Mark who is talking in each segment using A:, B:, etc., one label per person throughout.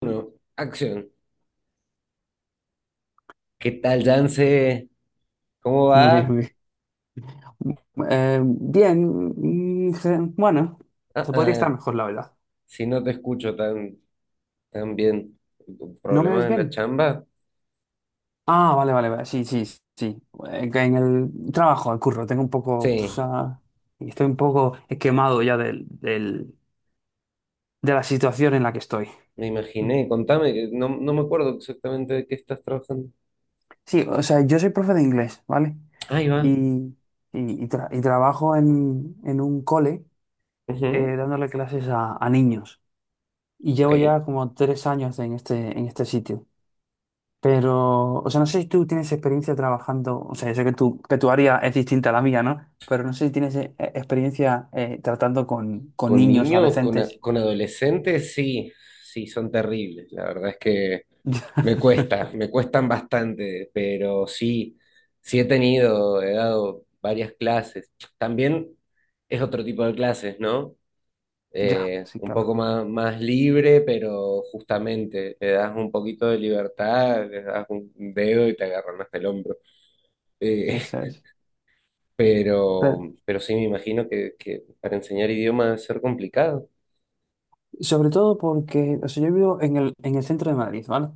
A: Uno, acción. ¿Qué tal, Yance? ¿Cómo
B: Muy bien,
A: va?
B: muy bien. Bien, bueno,
A: Ah,
B: se podría estar
A: ah,
B: mejor, la verdad.
A: si no te escucho tan bien.
B: ¿No me oís
A: ¿Problemas en
B: bien?
A: la chamba?
B: Ah, vale, vale, vale. Sí, sí, sí. Que En el trabajo, el curro, tengo un poco, o
A: Sí,
B: sea, estoy un poco quemado ya de la situación en la que estoy.
A: me imaginé. Contame, que no, no me acuerdo exactamente de qué estás trabajando.
B: Sí, o sea, yo soy profe de inglés, ¿vale?
A: Ahí va.
B: Y, y trabajo en un cole
A: Ujú,
B: dándole clases a niños. Y
A: ok.
B: llevo ya como 3 años en este sitio. Pero, o sea, no sé si tú tienes experiencia trabajando, o sea, yo sé que tu área es distinta a la mía, ¿no? Pero no sé si tienes experiencia tratando con
A: ¿Con
B: niños,
A: niños? ¿Con,
B: adolescentes.
A: con adolescentes? Sí, sí, son terribles. La verdad es que me cuestan bastante, pero sí, sí he tenido, he dado varias clases. También es otro tipo de clases, ¿no?
B: Ya,
A: Eh,
B: sí,
A: un
B: claro,
A: poco más libre, pero justamente le das un poquito de libertad, le das un dedo y te agarran hasta el hombro. Eh,
B: eso es.
A: pero,
B: Pero,
A: pero sí me imagino que para enseñar idioma debe ser complicado.
B: sobre todo porque, o sea, yo vivo en el centro de Madrid, ¿vale?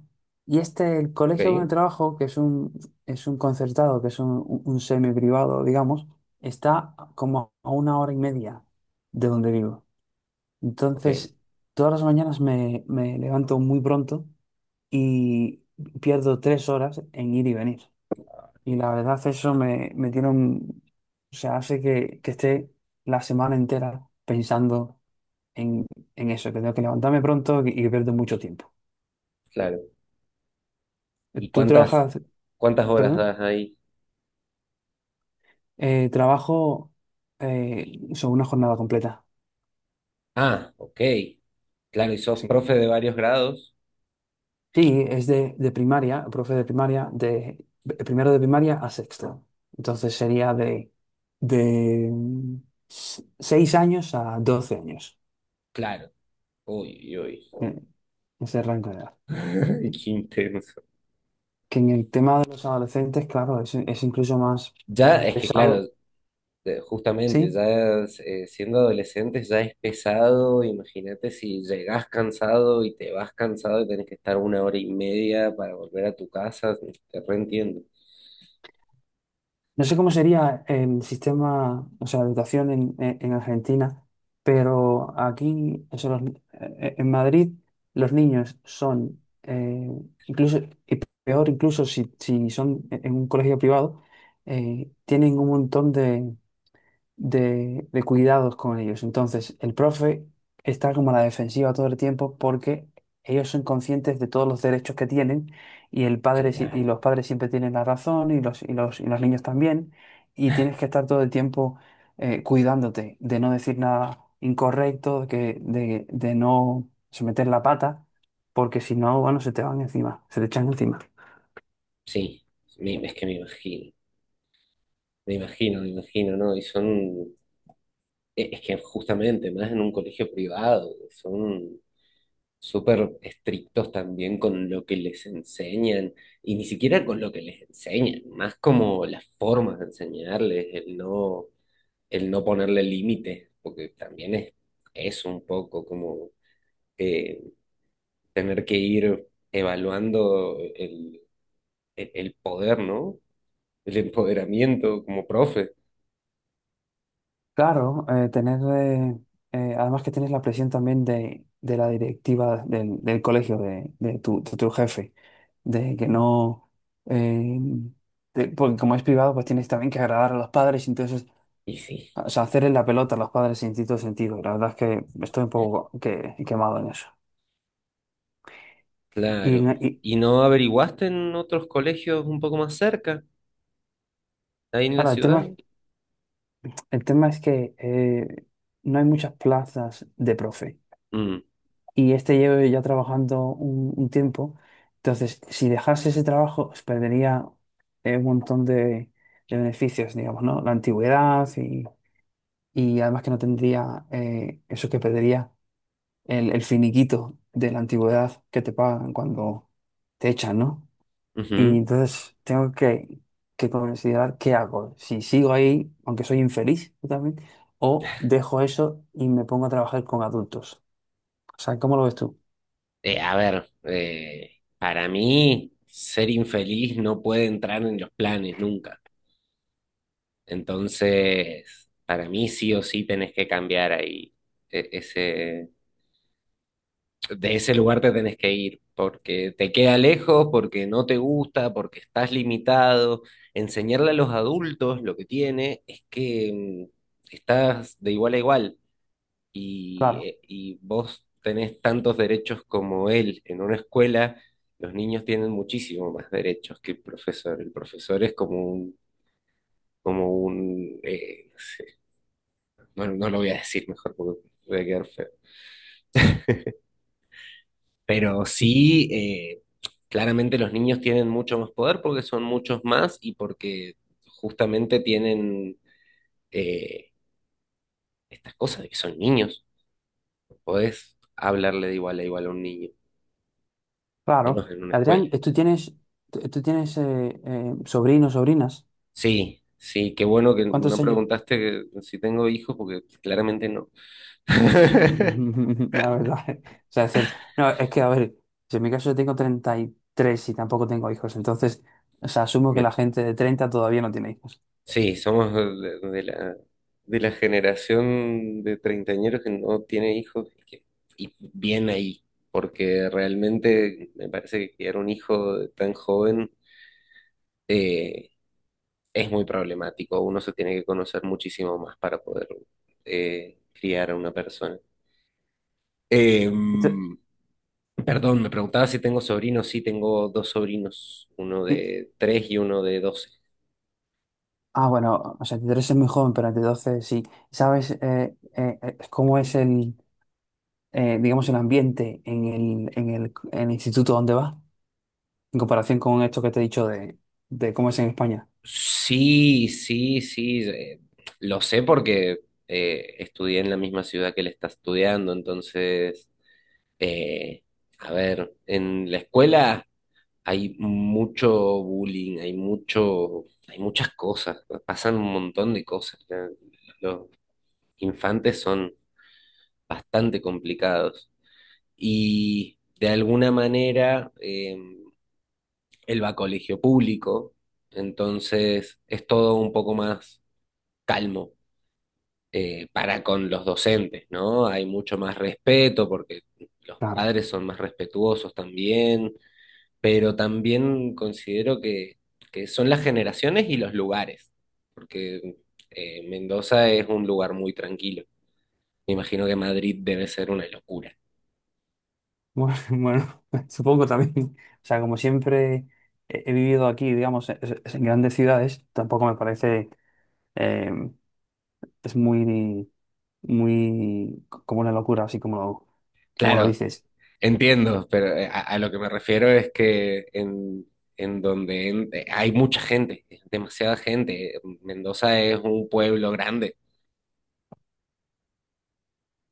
B: Y el colegio donde
A: Ok,
B: trabajo, que es un concertado, que es un semi privado, digamos, está como a una hora y media de donde vivo.
A: ok,
B: Entonces, todas las mañanas me levanto muy pronto y pierdo 3 horas en ir y venir. Y la verdad, eso me tiene un. O sea, hace que, esté la semana entera pensando en, en eso, que tengo que levantarme pronto y que pierdo mucho tiempo.
A: claro. ¿Y
B: Tú
A: cuántas,
B: trabajas,
A: cuántas horas
B: perdón.
A: das ahí?
B: Trabajo sobre una jornada completa.
A: Ah, ok. Claro, y sos
B: Sí.
A: profe de varios grados.
B: Sí, es de primaria, profe de primaria, de primero de primaria a sexto. Entonces sería de 6 años a 12 años,
A: Claro. Uy, uy.
B: eh, ese rango de edad. Que
A: Qué intenso.
B: que en el tema de los adolescentes, claro, es incluso más
A: Ya, es que claro,
B: pesado.
A: justamente,
B: Sí,
A: ya siendo adolescentes ya es pesado. Imagínate si llegás cansado y te vas cansado y tenés que estar 1 hora y media para volver a tu casa. Te reentiendo.
B: no sé cómo sería el sistema, o sea, de educación en Argentina, pero aquí, eso, los ni- en Madrid, los niños son, incluso, y peor incluso si son en un colegio privado, tienen un montón de cuidados con ellos. Entonces, el profe está como a la defensiva todo el tiempo porque ellos son conscientes de todos los derechos que tienen y el padre si- y
A: Claro,
B: los padres siempre tienen la razón y los niños también, y tienes que estar todo el tiempo cuidándote de no decir nada incorrecto, de no someter la pata, porque si no, bueno, se te van encima, se te echan encima.
A: sí. Es que me imagino. Me imagino, me imagino, ¿no? Y son. Es que justamente, más en un colegio privado, son súper estrictos también con lo que les enseñan, y ni siquiera con lo que les enseñan, más como las formas de enseñarles, el no ponerle límites, porque también es un poco como eh, tener que ir evaluando el poder, ¿no? El empoderamiento como profe.
B: Claro, además que tienes la presión también de la directiva del colegio, de tu jefe, de que no, eh, de- porque como es privado, pues tienes también que agradar a los padres, entonces,
A: Y sí,
B: o sea, hacerle la pelota a los padres en cierto sentido. La verdad es que estoy un poco quemado en eso. Y,
A: claro.
B: y,
A: ¿Y no averiguaste en otros colegios un poco más cerca, ahí en la
B: claro, el
A: ciudad?
B: tema, el tema es que no hay muchas plazas de profe.
A: Mm,
B: Y lleve ya trabajando un tiempo. Entonces, si dejase ese trabajo, pues perdería un montón de beneficios, digamos, ¿no? La antigüedad, y además que no tendría eso, que perdería el finiquito de la antigüedad que te pagan cuando te echan, ¿no? Y
A: ujú.
B: entonces tengo que considerar qué hago, si sigo ahí, aunque soy infeliz totalmente, o dejo eso y me pongo a trabajar con adultos. O sea, ¿cómo lo ves tú?
A: A ver, para mí ser infeliz no puede entrar en los planes nunca. Entonces, para mí sí o sí tenés que cambiar ahí. e- Ese, de ese lugar te tenés que ir porque te queda lejos, porque no te gusta, porque estás limitado. Enseñarle a los adultos lo que tiene es que estás de igual a igual. y,
B: Claro.
A: eh, y vos tenés tantos derechos como él en una escuela, los niños tienen muchísimo más derechos que el profesor. El profesor es como un, no sé, no, no lo voy a decir mejor porque voy a quedar feo. Pero sí, claramente los niños tienen mucho más poder porque son muchos más y porque justamente tienen eh, estas cosas de que son niños. No podés hablarle de igual a igual a un niño,
B: Claro.
A: menos en una escuela.
B: Adrián, ¿tú tienes sobrinos, sobrinas?
A: Sí, sí, qué bueno que
B: ¿Cuántos
A: no
B: años?
A: preguntaste si tengo hijos, porque claramente no.
B: La verdad. O sea, es cierto. No, es que, a ver, si en mi caso yo tengo 33 y tampoco tengo hijos, entonces, o sea, asumo que la
A: Bien,
B: gente de 30 todavía no tiene hijos.
A: sí, somos de, de la generación de treintañeros que no tiene hijos y, y bien ahí, porque realmente me parece que criar un hijo de tan joven eh, es muy problemático. Uno se tiene que conocer muchísimo más para poder criar a una persona.
B: Ent-
A: Em, Perdón, me preguntaba si tengo sobrinos. Sí, tengo dos sobrinos, uno
B: y-
A: de 3 y uno de 12.
B: ah, bueno, o sea, 33 es muy joven, pero entre 12 sí. ¿Sabes cómo es digamos, el ambiente en el instituto donde vas en comparación con esto que te he dicho de cómo es en España?
A: Sí, sí, sí. Lo sé porque estudié en la misma ciudad que él está estudiando. Entonces, eh, a ver, en la escuela hay mucho bullying, hay mucho, hay muchas cosas, pasan un montón de cosas. Los infantes son bastante complicados. Y de alguna manera, él va a colegio público, entonces es todo un poco más calmo para con los docentes, ¿no? Hay mucho más respeto porque los padres son más respetuosos también, pero también considero que son las generaciones y los lugares, porque Mendoza es un lugar muy tranquilo. Me imagino que Madrid debe ser una locura.
B: Bueno, bueno, supongo también. O sea, como siempre he vivido aquí, digamos, es en grandes ciudades, tampoco me parece, eh, es muy, muy como una locura, así como lo
A: Claro,
B: dices.
A: entiendo, pero a lo que me refiero es que en, donde hay mucha gente, demasiada gente. Mendoza es un pueblo grande,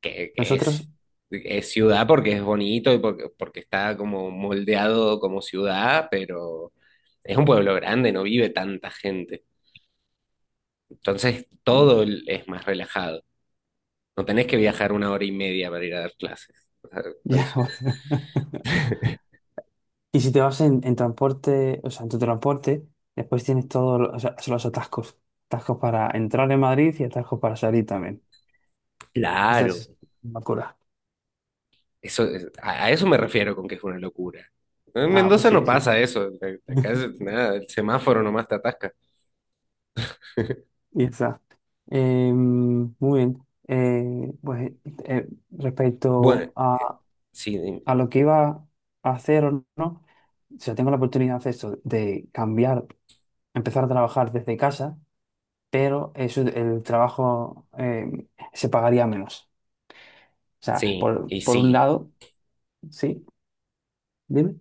A: que
B: Nosotros,
A: es ciudad porque es bonito y porque, porque está como moldeado como ciudad, pero es un pueblo grande, no vive tanta gente. Entonces todo es más relajado. No tenés que viajar 1 hora y media para ir a dar clases. O sea,
B: ya,
A: eso-
B: bueno. Y si te vas en, transporte, o sea, en tu transporte, después tienes todos los, o sea, son los atascos. Atascos para entrar en Madrid y atascos para salir también.
A: claro,
B: Entonces, una locura.
A: eso, a eso me refiero con que es una locura. En
B: Ah, pues
A: Mendoza no
B: sí, sí.
A: pasa eso. Acá es nada, el semáforo nomás te atasca.
B: Exacto. Muy bien. Pues
A: Bueno,
B: respecto a,
A: sí,
B: a lo que iba a hacer o no, si yo tengo la oportunidad de hacer eso, de cambiar, empezar a trabajar desde casa, pero eso, el trabajo se pagaría menos. O sea,
A: sí,
B: por,
A: y
B: por un
A: sí.
B: lado, sí, dime.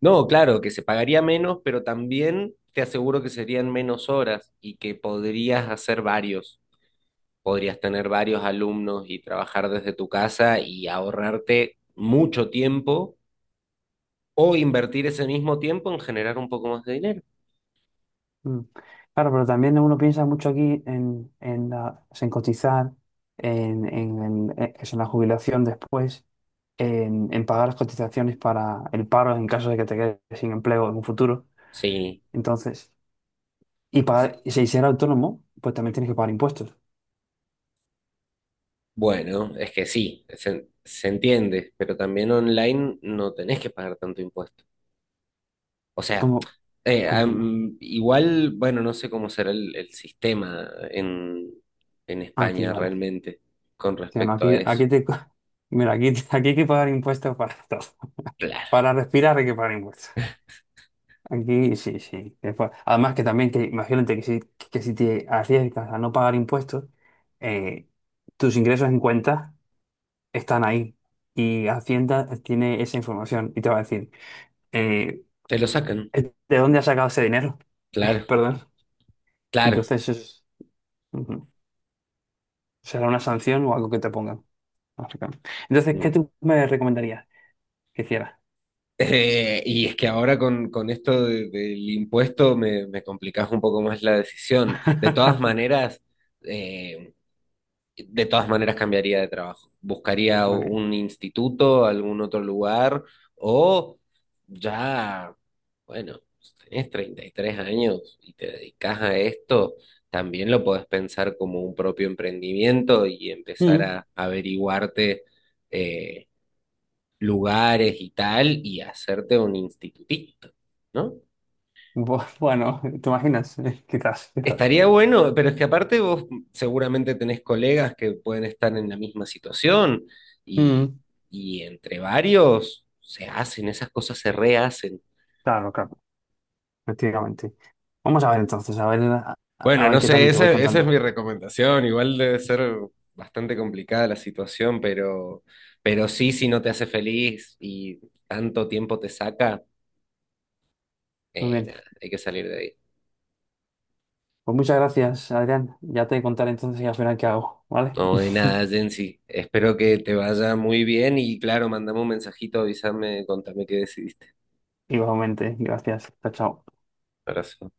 A: No, claro, que se pagaría menos, pero también te aseguro que serían menos horas y que podrías hacer varios. Podrías tener varios alumnos y trabajar desde tu casa y ahorrarte mucho tiempo o invertir ese mismo tiempo en generar un poco más de dinero.
B: Mm. Claro, pero también uno piensa mucho aquí en, o sea, en cotizar, eso, en la jubilación después. En pagar las cotizaciones para el paro en caso de que te quedes sin empleo en un futuro.
A: Sí,
B: Entonces, y pagar y si ser autónomo, pues también tienes que pagar impuestos.
A: bueno, es que sí, se entiende, pero también online no tenés que pagar tanto impuesto. O sea,
B: ¿Cómo, cómo que no?
A: igual, bueno, no sé cómo será el sistema en,
B: Aquí,
A: España
B: vale.
A: realmente con
B: Sí, no,
A: respecto a
B: aquí,
A: eso.
B: mira, aquí hay que pagar impuestos para todo.
A: Claro,
B: Para respirar hay que pagar impuestos. Aquí sí, sí. Después, además que también, que imagínate que si te arriesgas a no pagar impuestos, eh, tus ingresos en cuenta están ahí y Hacienda tiene esa información y te va a decir, eh,
A: te lo sacan,
B: ¿de dónde ha sacado ese dinero?
A: claro,
B: Perdón.
A: claro.
B: Entonces, ujú. Será una sanción o algo que te pongan, básicamente. Entonces, ¿qué
A: Mm.
B: tú me recomendarías que hiciera?
A: Y es que ahora con, esto del impuesto me complicás un poco más la decisión. De todas maneras, eh, de todas maneras cambiaría de trabajo. Buscaría
B: Muy bien.
A: un instituto, algún otro lugar, o ya, bueno, tenés 33 años y te dedicas a esto, también lo podés pensar como un propio emprendimiento y empezar
B: Mm.
A: a averiguarte eh, lugares y tal y hacerte un institutito, ¿no?
B: Bueno, ¿te imaginas? Quizás, quizás.
A: Estaría bueno, pero es que aparte vos seguramente tenés colegas que pueden estar en la misma situación y,
B: Mm.
A: y entre varios se hacen, esas cosas se rehacen.
B: Claro, claro, efectivamente. Vamos a ver entonces, a ver, a,
A: Bueno,
B: a ver
A: no
B: qué tal
A: sé,
B: y te voy
A: esa es mi
B: contando.
A: recomendación. Igual debe ser bastante complicada la situación, pero sí, si no te hace feliz y tanto tiempo te saca,
B: Muy bien.
A: nada, hay que salir de ahí.
B: Pues muchas gracias, Adrián. Ya te contaré entonces y al final qué hago, ¿vale?
A: No, de nada, Jensi. Espero que te vaya muy bien y claro, mandame un mensajito, avísame, contame qué decidiste.
B: Igualmente, gracias. Chao, chao.
A: Abrazo.